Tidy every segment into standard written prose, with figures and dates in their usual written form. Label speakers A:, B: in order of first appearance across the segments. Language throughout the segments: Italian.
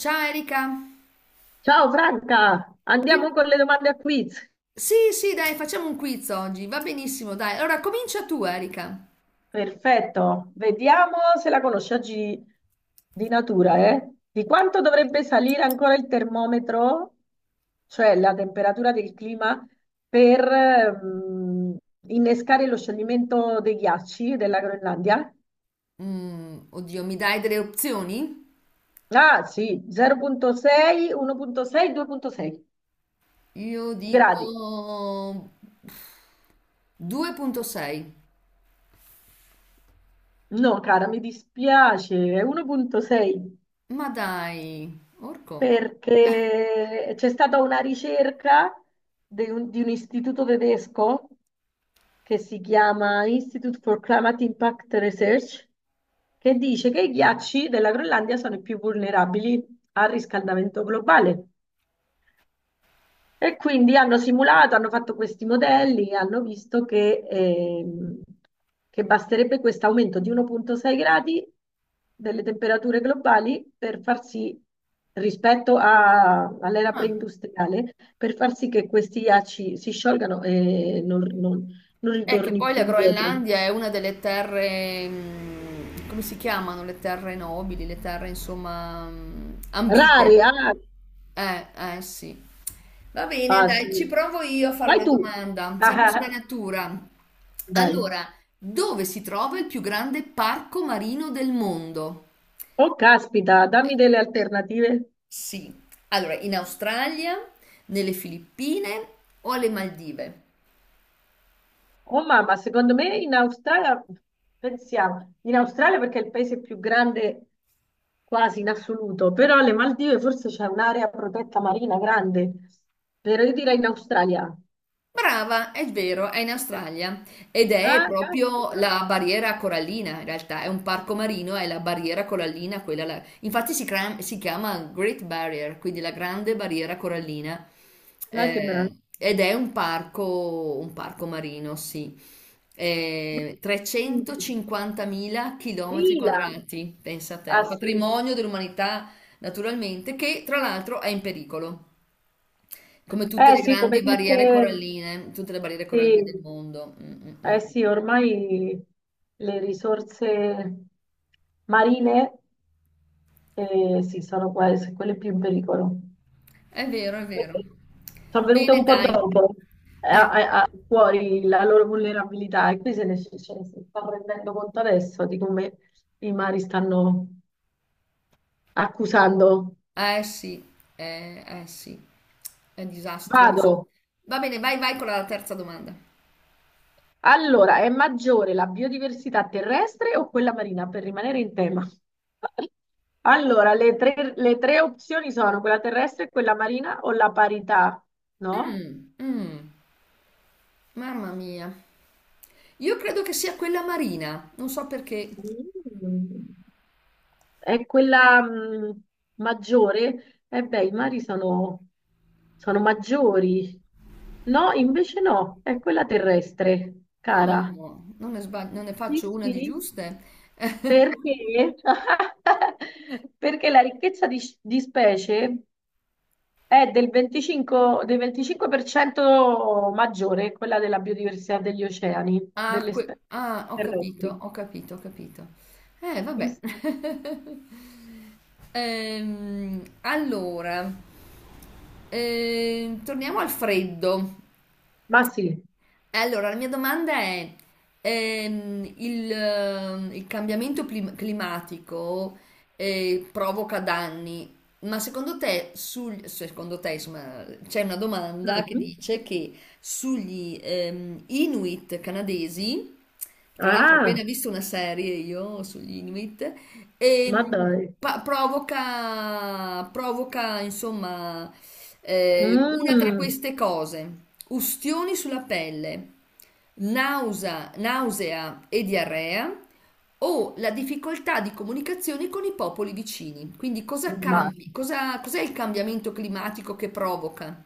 A: Ciao, Erika.
B: Ciao Franca,
A: Ti-
B: andiamo con le domande a quiz.
A: Sì, sì, dai, facciamo un quiz oggi. Va benissimo, dai. Allora, comincia tu, Erika.
B: Perfetto, vediamo se la conosci oggi di natura, eh? Di quanto dovrebbe salire ancora il termometro, cioè la temperatura del clima, per innescare lo scioglimento dei ghiacci della Groenlandia?
A: Mm, oddio, mi dai delle opzioni?
B: Ah sì, 0,6, 1,6, 2,6
A: Io
B: gradi.
A: dico 2.6.
B: No, cara, mi dispiace, è 1,6.
A: Ma dai, orco.
B: Perché c'è stata una ricerca di un istituto tedesco che si chiama Institute for Climate Impact Research, che dice che i ghiacci della Groenlandia sono i più vulnerabili al riscaldamento globale. E quindi hanno simulato, hanno fatto questi modelli e hanno visto che basterebbe questo aumento di 1,6 gradi delle temperature globali per far sì, rispetto all'era
A: Ah,
B: preindustriale, per far sì che questi ghiacci si sciolgano e non
A: è che
B: ritorni
A: poi
B: più
A: la
B: indietro.
A: Groenlandia è una delle terre, come si chiamano? Le terre nobili, le terre insomma
B: Rari,
A: ambite.
B: ah,
A: Eh, eh sì. Va bene,
B: ah, sì.
A: dai, ci provo io a fare
B: Vai
A: una
B: tu.
A: domanda,
B: Ah,
A: sempre
B: ah,
A: sulla
B: ah.
A: natura.
B: Dai.
A: Allora, dove si trova il più grande parco marino del mondo?
B: Oh, caspita, dammi delle alternative.
A: Sì. Allora, in Australia, nelle Filippine o alle Maldive?
B: Oh mamma, secondo me in Australia, pensiamo, in Australia perché è il paese più grande quasi in assoluto, però alle Maldive forse c'è un'area protetta marina grande, però io direi in Australia.
A: Brava, è vero, è in Australia ed è
B: Ah,
A: proprio
B: caspita,
A: la barriera corallina, in realtà è un parco marino, è la barriera corallina, infatti si chiama Great Barrier, quindi la grande barriera corallina.
B: dai che
A: Eh,
B: meraviglia.
A: ed è un parco marino, sì. 350.000 chilometri
B: Mila,
A: quadrati, pensa a
B: ah
A: te,
B: sì,
A: patrimonio dell'umanità naturalmente, che tra l'altro è in pericolo. Come tutte
B: eh
A: le
B: sì, come
A: grandi barriere
B: tutte,
A: coralline, tutte le barriere coralline del
B: sì,
A: mondo. Mm, mm, mm.
B: eh sì, ormai le risorse marine sì, sono quasi quelle più in pericolo.
A: È vero, è vero.
B: Perché sono venute
A: Bene,
B: un po'
A: dai.
B: dopo
A: Eh,
B: fuori la loro vulnerabilità e qui se ne, ce ne si sta rendendo conto adesso di come i mari stanno accusando.
A: eh sì, eh sì, è disastroso.
B: Vado.
A: Va bene, vai, vai con la terza domanda.
B: Allora, è maggiore la biodiversità terrestre o quella marina per rimanere in tema? Allora, le tre opzioni sono quella terrestre, quella marina o la parità, no?
A: Mm, mm, mamma mia. Io credo che sia quella marina, non so perché.
B: Mm. È quella maggiore? Eh beh, i mari sono maggiori. No, invece no, è quella terrestre, cara.
A: Oh, non ne
B: Sì,
A: faccio una di
B: sì,
A: giuste.
B: perché? Perché la ricchezza di specie è del 25% maggiore, quella della biodiversità degli oceani,
A: Ah,
B: delle
A: que-
B: specie
A: ah, ho capito,
B: terrestri.
A: ho capito, ho capito.
B: Sì,
A: Vabbè.
B: sì.
A: Allora, torniamo al freddo.
B: Ma sì.
A: E allora, la mia domanda è, il cambiamento climatico, provoca danni, ma secondo te, insomma, c'è una domanda che
B: Mhm.
A: dice che sugli Inuit canadesi, tra l'altro ho
B: Ah,
A: appena visto una serie io sugli Inuit, e,
B: ma dai.
A: provoca, insomma, una tra
B: Mm,
A: queste cose: ustioni sulla pelle, nausea e diarrea, o la difficoltà di comunicazione con i popoli vicini. Quindi, cosa
B: ma,
A: cambi? Cos'è il cambiamento climatico che provoca?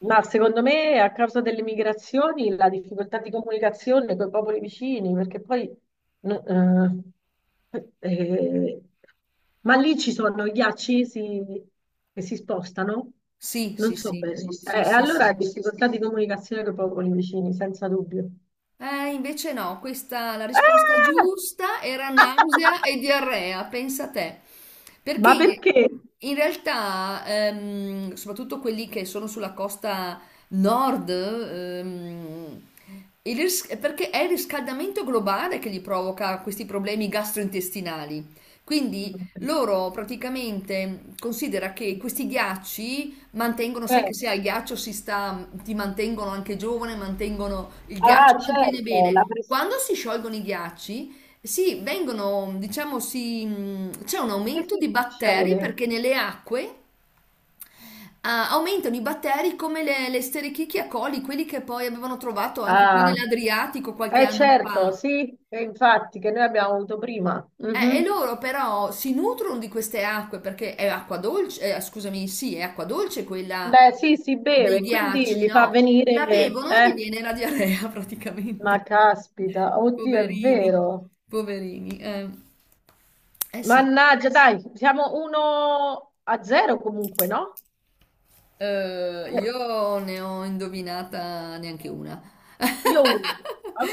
B: ma secondo me a causa delle migrazioni la difficoltà di comunicazione con i popoli vicini, perché poi... no- eh, eh, ma lì ci sono i ghiacci che si spostano?
A: Sì,
B: Non
A: sì,
B: so
A: sì,
B: bene.
A: sì, sì,
B: Allora
A: sì.
B: difficoltà di comunicazione con i popoli vicini, senza dubbio.
A: Invece no, questa la risposta
B: Ah!
A: giusta era nausea e diarrea, pensa te.
B: Ma
A: Perché
B: perché?
A: in realtà, soprattutto quelli che sono sulla costa nord, perché è il riscaldamento globale che gli provoca questi problemi gastrointestinali. Quindi loro praticamente considera che questi ghiacci mantengono, sai
B: Eh,
A: che se al ghiaccio si sta, ti mantengono anche giovane, mantengono, il
B: Ah,
A: ghiaccio mantiene
B: certo,
A: bene. Quando si sciolgono i ghiacci, sì, vengono, diciamo, c'è un
B: che
A: aumento di batteri
B: succede?
A: perché nelle acque, aumentano i batteri come le Escherichia coli, quelli che poi avevano trovato anche qui
B: Ah,
A: nell'Adriatico qualche
B: eh
A: anno fa.
B: certo, sì, e infatti che noi abbiamo avuto prima.
A: E
B: Mhm.
A: loro però si nutrono di queste acque perché è acqua dolce, scusami, sì, è acqua dolce quella
B: Beh, sì, si
A: dei
B: beve, quindi
A: ghiacci,
B: li fa
A: no? La
B: venire...
A: bevono e gli viene la diarrea praticamente.
B: Ma caspita, oddio, è
A: Poverini,
B: vero.
A: poverini. Eh sì.
B: Mannaggia, dai, siamo 1 a 0 comunque, no? Eh,
A: Io ne ho indovinata neanche una.
B: io una. Ok,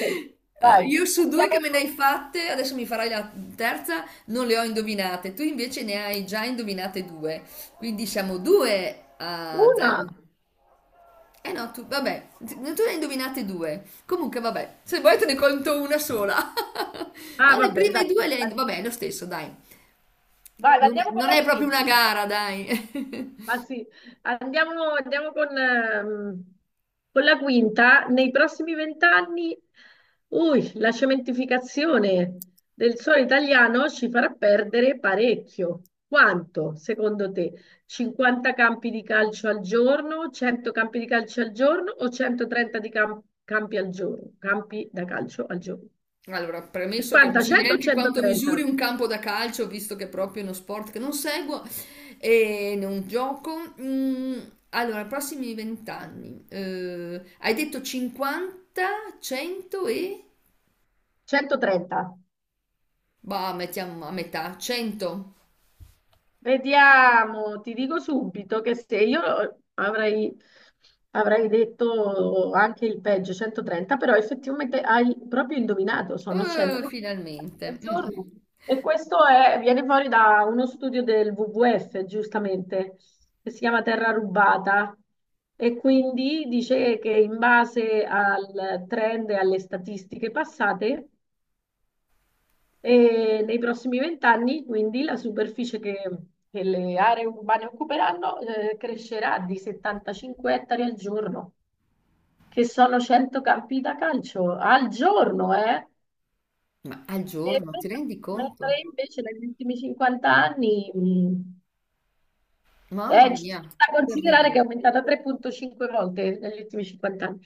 B: dai,
A: Io su due che
B: andiamo
A: me ne
B: con
A: hai fatte, adesso mi farai la terza, non le ho indovinate. Tu invece ne hai già indovinate due. Quindi siamo due a
B: una.
A: zero. Eh no, tu, vabbè, no, tu ne hai indovinate due. Comunque, vabbè, se vuoi te ne conto una sola.
B: Ah,
A: No,
B: va
A: le
B: bene,
A: prime
B: dai.
A: due le hai. Vabbè, è lo stesso, dai.
B: Vai,
A: Non,
B: andiamo con
A: non
B: la
A: è proprio
B: quinta.
A: una gara, dai.
B: Ma sì, andiamo con la quinta. Nei prossimi vent'anni, ui, la cementificazione del suolo italiano ci farà perdere parecchio. Quanto, secondo te? 50 campi di calcio al giorno, 100 campi di calcio al giorno o 130 di campi al giorno? Campi da calcio al giorno.
A: Allora, premesso che non
B: 50,
A: so
B: 100 o
A: neanche quanto
B: 130?
A: misuri un campo da calcio, visto che è proprio uno sport che non seguo e non gioco. Allora, prossimi vent'anni. Hai detto 50, 100 e...
B: 130.
A: Bah, mettiamo a metà, 100.
B: Vediamo, ti dico subito che se io avrei detto anche il peggio, 130, però effettivamente hai proprio indovinato, sono 100 al
A: Finalmente. Mm.
B: giorno. E questo viene fuori da uno studio del WWF, giustamente, che si chiama Terra Rubata. E quindi dice che in base al trend e alle statistiche passate, e nei prossimi vent'anni, quindi, la superficie che le aree urbane occuperanno, crescerà di 75 ettari al giorno, che sono 100 campi da calcio al giorno, eh?
A: Ma al
B: E
A: giorno, ti
B: men-
A: rendi conto?
B: Mentre invece negli ultimi 50 anni,
A: Mamma
B: è
A: mia,
B: da considerare che
A: terribile.
B: è aumentata 3,5 volte negli ultimi 50 anni.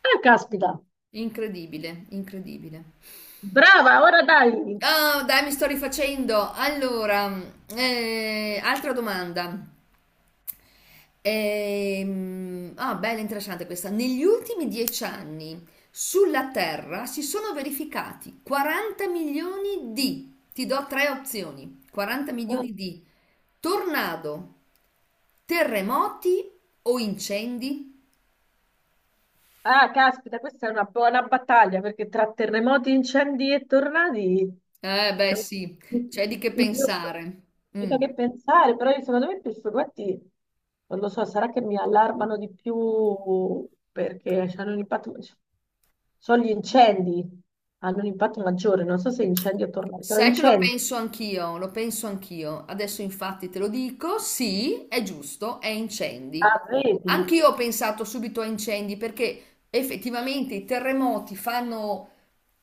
B: Ah, caspita!
A: Incredibile, incredibile.
B: Brava, ora dai!
A: Ah, dai, mi sto rifacendo. Allora, altra domanda. Ah, bella, interessante questa. Negli ultimi dieci anni sulla Terra si sono verificati 40 milioni di, ti do tre opzioni, 40
B: Mm.
A: milioni di tornado, terremoti o incendi?
B: Ah, caspita, questa è una buona battaglia perché tra terremoti, incendi e tornadi
A: Beh,
B: cioè,
A: sì, c'è di che
B: i più-
A: pensare.
B: c'è
A: Mm.
B: da che pensare, però io, secondo me i più non lo so, sarà che mi allarmano di più perché hanno un impatto, cioè, sono gli incendi, hanno un impatto maggiore, non so se incendi o tornadi, però
A: Sai che lo
B: incendi,
A: penso anch'io, lo penso anch'io. Adesso infatti te lo dico, sì, è giusto, è incendi.
B: ah, vedi?
A: Anch'io ho pensato subito a incendi perché effettivamente i terremoti fanno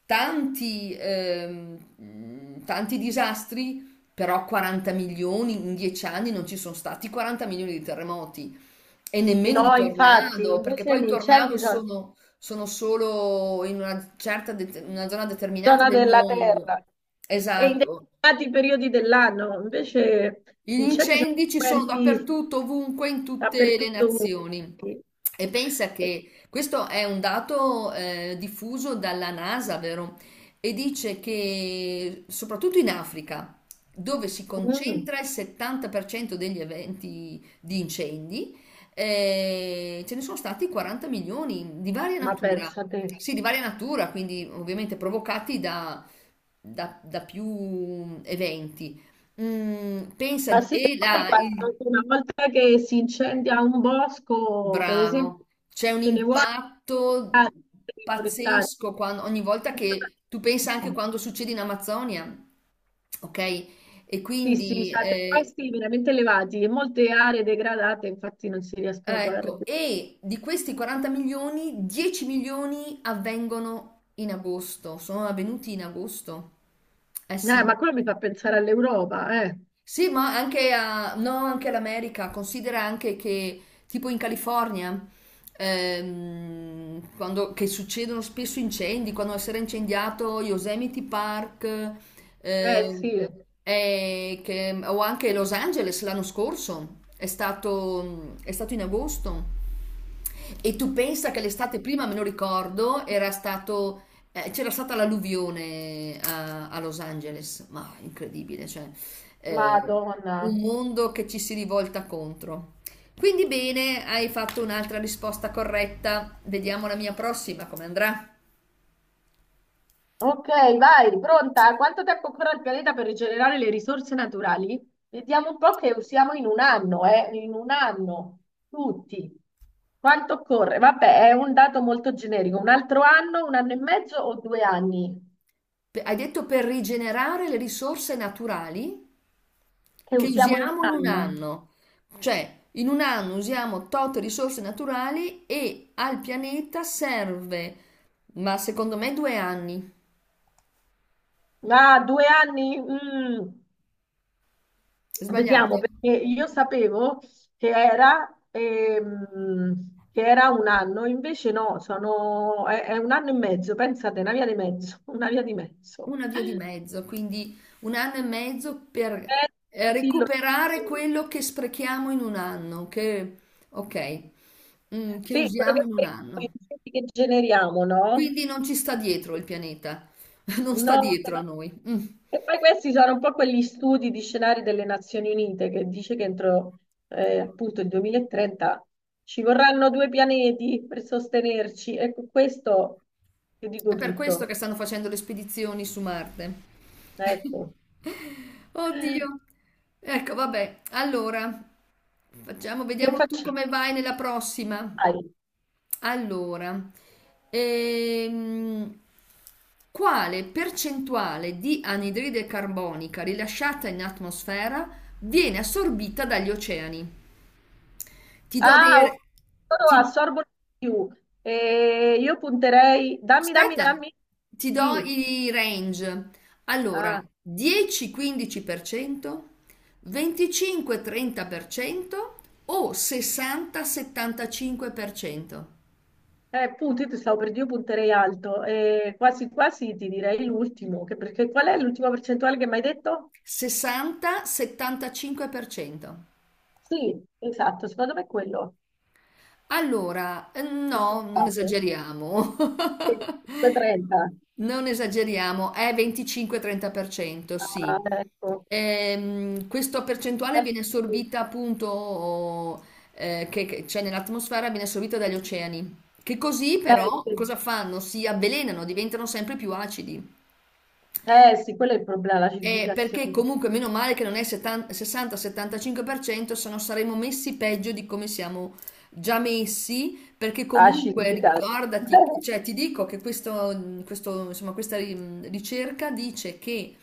A: tanti disastri, però 40 milioni in 10 anni non ci sono stati 40 milioni di terremoti e nemmeno di
B: No, infatti,
A: tornado, perché
B: invece
A: poi i
B: gli
A: tornado
B: incendi sono
A: sono solo in una una zona determinata
B: zona
A: del
B: della
A: mondo.
B: Terra e in
A: Esatto.
B: determinati periodi dell'anno. Invece
A: Gli
B: gli incendi sono
A: incendi ci sono
B: frequenti
A: dappertutto, ovunque, in tutte le
B: dappertutto.
A: nazioni.
B: Comunque.
A: E pensa
B: E-
A: che questo è un dato, diffuso dalla NASA, vero? E dice che soprattutto in Africa, dove si
B: mm,
A: concentra il 70% degli eventi di incendi, ce ne sono stati 40 milioni di varia
B: ma
A: natura.
B: pensate.
A: Sì, di varia natura, quindi ovviamente provocati da più eventi.
B: Ma
A: Pensa,
B: sì che
A: e
B: poi
A: là,
B: quando, una volta che si incendia un bosco, per esempio,
A: bravo, c'è un
B: ce ne vuole
A: impatto
B: forestali.
A: pazzesco ogni volta che tu pensa anche quando succede in Amazzonia, ok? E
B: Sì, sì,
A: quindi,
B: cioè dei costi veramente elevati e molte aree degradate infatti non si riescono poi a
A: ecco,
B: recuperare.
A: e di questi 40 milioni, 10 milioni avvengono in agosto, sono avvenuti in agosto. Eh
B: Ma
A: sì.
B: quello mi fa pensare all'Europa, eh.
A: Sì, ma anche, no, anche all'America, considera anche che tipo in California, che succedono spesso incendi, quando si era incendiato Yosemite Park,
B: Eh
A: ehm,
B: sì,
A: o anche Los Angeles l'anno scorso, è stato in agosto. E tu pensa che l'estate prima, me lo ricordo, c'era stata l'alluvione a Los Angeles, ma incredibile, cioè, eh,
B: Madonna.
A: un mondo che ci si rivolta contro. Quindi bene, hai fatto un'altra risposta corretta. Vediamo la mia prossima come andrà.
B: Ok, vai, pronta? Quanto tempo occorre al pianeta per rigenerare le risorse naturali? Vediamo un po' che usiamo in un anno, eh? In un anno, tutti. Quanto occorre? Vabbè, è un dato molto generico. Un altro anno, un anno e mezzo o due anni?
A: Hai detto per rigenerare le risorse naturali
B: Che
A: che
B: usiamo in un
A: usiamo in un
B: anno?
A: anno. Cioè, in un anno usiamo tot risorse naturali e al pianeta serve, ma secondo me due anni.
B: Ah, due anni? Mm. Vediamo,
A: Sbagliate?
B: perché io sapevo che era un anno, invece no, è un anno e mezzo, pensate, una via di mezzo, una via di mezzo.
A: Una via di mezzo, quindi un anno e mezzo per
B: Eh, così so.
A: recuperare quello che sprechiamo in un anno, ok, che
B: Sì, quello
A: usiamo in un
B: che,
A: anno.
B: che generiamo, no?
A: Quindi non ci sta dietro il pianeta, non sta
B: No,
A: dietro a noi. Mm.
B: e poi questi sono un po' quegli studi di scenari delle Nazioni Unite che dice che entro appunto il 2030 ci vorranno due pianeti per sostenerci. Ecco, questo ti dico
A: È per questo
B: tutto.
A: che stanno facendo le spedizioni su Marte.
B: Ecco.
A: Oddio. Ecco, vabbè. Allora,
B: Che
A: vediamo tu
B: facciamo?
A: come vai nella prossima.
B: Dai.
A: Allora, ehm, quale percentuale di anidride carbonica rilasciata in atmosfera viene assorbita dagli oceani? Ti do dei...
B: Ah, ok.
A: re-
B: Loro
A: ti-
B: assorbono di più. Io punterei... Dammi, dammi,
A: aspetta,
B: dammi.
A: ti do
B: Sì.
A: i range.
B: Ah.
A: Allora, 10-15%, 25-30% o 60-75%?
B: Punti, io ti stavo per dire, io punterei alto. Quasi quasi ti direi l'ultimo, perché qual è l'ultima percentuale che mi hai detto?
A: 60-75%.
B: Sì, esatto, secondo me è quello.
A: Allora, no, non
B: Fatto.
A: esageriamo.
B: Sì, 30.
A: Non esageriamo, è 25-30%,
B: Ah,
A: sì.
B: ecco.
A: Questa percentuale
B: Eh,
A: viene
B: sì,
A: assorbita appunto, che c'è nell'atmosfera, viene assorbita dagli oceani, che così
B: eh,
A: però
B: sì,
A: cosa fanno? Si avvelenano, diventano sempre più acidi.
B: eh, sì, quello è il problema,
A: Perché
B: l'acidificazione.
A: comunque meno male che non è 70 60-75%, se no saremmo messi peggio di come siamo già messi, perché comunque
B: Acidificato.
A: ricordati, cioè ti dico che insomma, questa ricerca dice che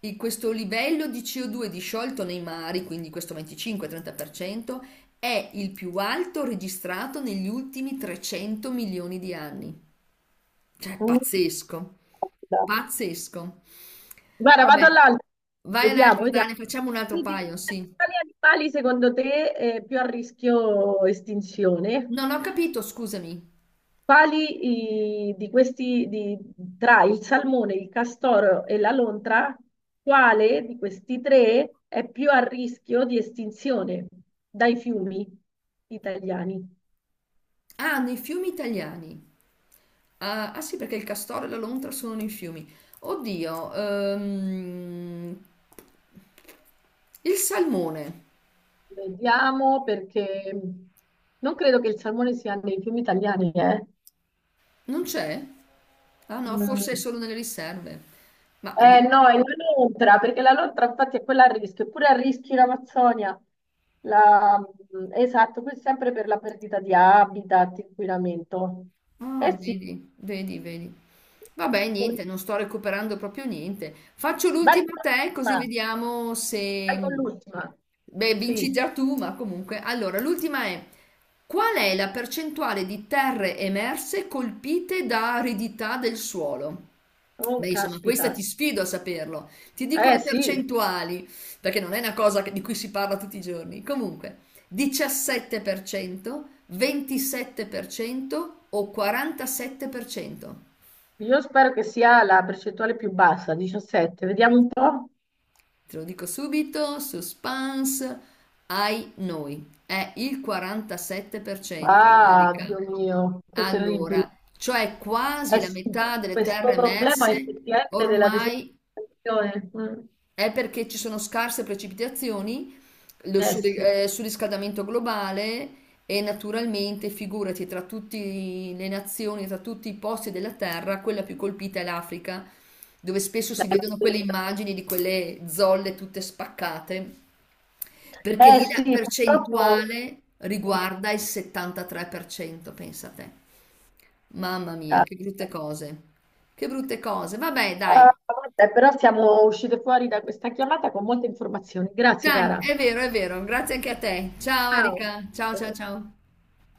A: questo livello di CO2 disciolto nei mari, quindi questo 25-30%, è il più alto registrato negli ultimi 300 milioni di anni. Cioè, è
B: Mm.
A: pazzesco. Pazzesco.
B: Guarda, vado
A: Vabbè,
B: all'altro.
A: vai ad
B: Vediamo,
A: altri,
B: vediamo.
A: Dani, facciamo un altro
B: Quindi,
A: paio, sì.
B: quali animali secondo te è più a rischio estinzione?
A: Non ho capito, scusami.
B: Quali tra il salmone, il castoro e la lontra, quale di questi tre è più a rischio di estinzione dai fiumi italiani?
A: Ah, nei fiumi italiani. Ah sì, perché il castoro e la lontra sono nei fiumi. Oddio, il salmone
B: Vediamo perché non credo che il salmone sia nei fiumi italiani, eh.
A: non c'è? Ah no, forse è
B: Mm,
A: solo nelle riserve. Ma
B: eh no, è la lontra, perché la lontra infatti è quella a rischio, eppure a rischio in Amazzonia. La- Esatto, questo è sempre per la perdita di habitat, inquinamento.
A: Ah,
B: Eh sì,
A: vedi, vedi, vedi. Vabbè, niente, non sto recuperando proprio niente. Faccio
B: vai con
A: l'ultima a te, così
B: l'ultima,
A: vediamo
B: vai con
A: se.
B: l'ultima.
A: Beh, vinci
B: Sì,
A: già tu, ma comunque. Allora, l'ultima è: qual è la percentuale di terre emerse colpite da aridità del suolo?
B: oh
A: Beh, insomma, questa
B: caspita.
A: ti sfido a saperlo. Ti dico
B: Eh
A: le
B: sì,
A: percentuali, perché non è una cosa di cui si parla tutti i giorni. Comunque. 17%, 27% o 47%.
B: io spero che sia la percentuale più bassa, 17. Vediamo un po'.
A: Te lo dico subito, suspense, ai noi. È il 47%,
B: Ah,
A: Erika.
B: Dio mio, che terribile.
A: Allora, cioè quasi
B: Eh
A: la
B: sì,
A: metà delle terre
B: questo problema
A: emerse
B: effettivamente della
A: ormai
B: desertificazione. Mm.
A: è perché ci sono scarse precipitazioni
B: Eh sì,
A: surriscaldamento globale e naturalmente, figurati, tra tutte le nazioni, tra tutti i posti della Terra, quella più colpita è l'Africa, dove spesso si vedono quelle immagini di quelle zolle tutte spaccate, perché
B: eh
A: lì la
B: sì, purtroppo,
A: percentuale riguarda il 73%, pensa te. Mamma mia,
B: ah,
A: che brutte cose. Che brutte cose. Vabbè, dai.
B: vabbè, però siamo uscite fuori da questa chiamata con molte informazioni. Grazie,
A: Dai,
B: cara.
A: è vero, è vero. Grazie anche a te. Ciao,
B: Ciao.
A: Erika. Ciao, ciao, ciao.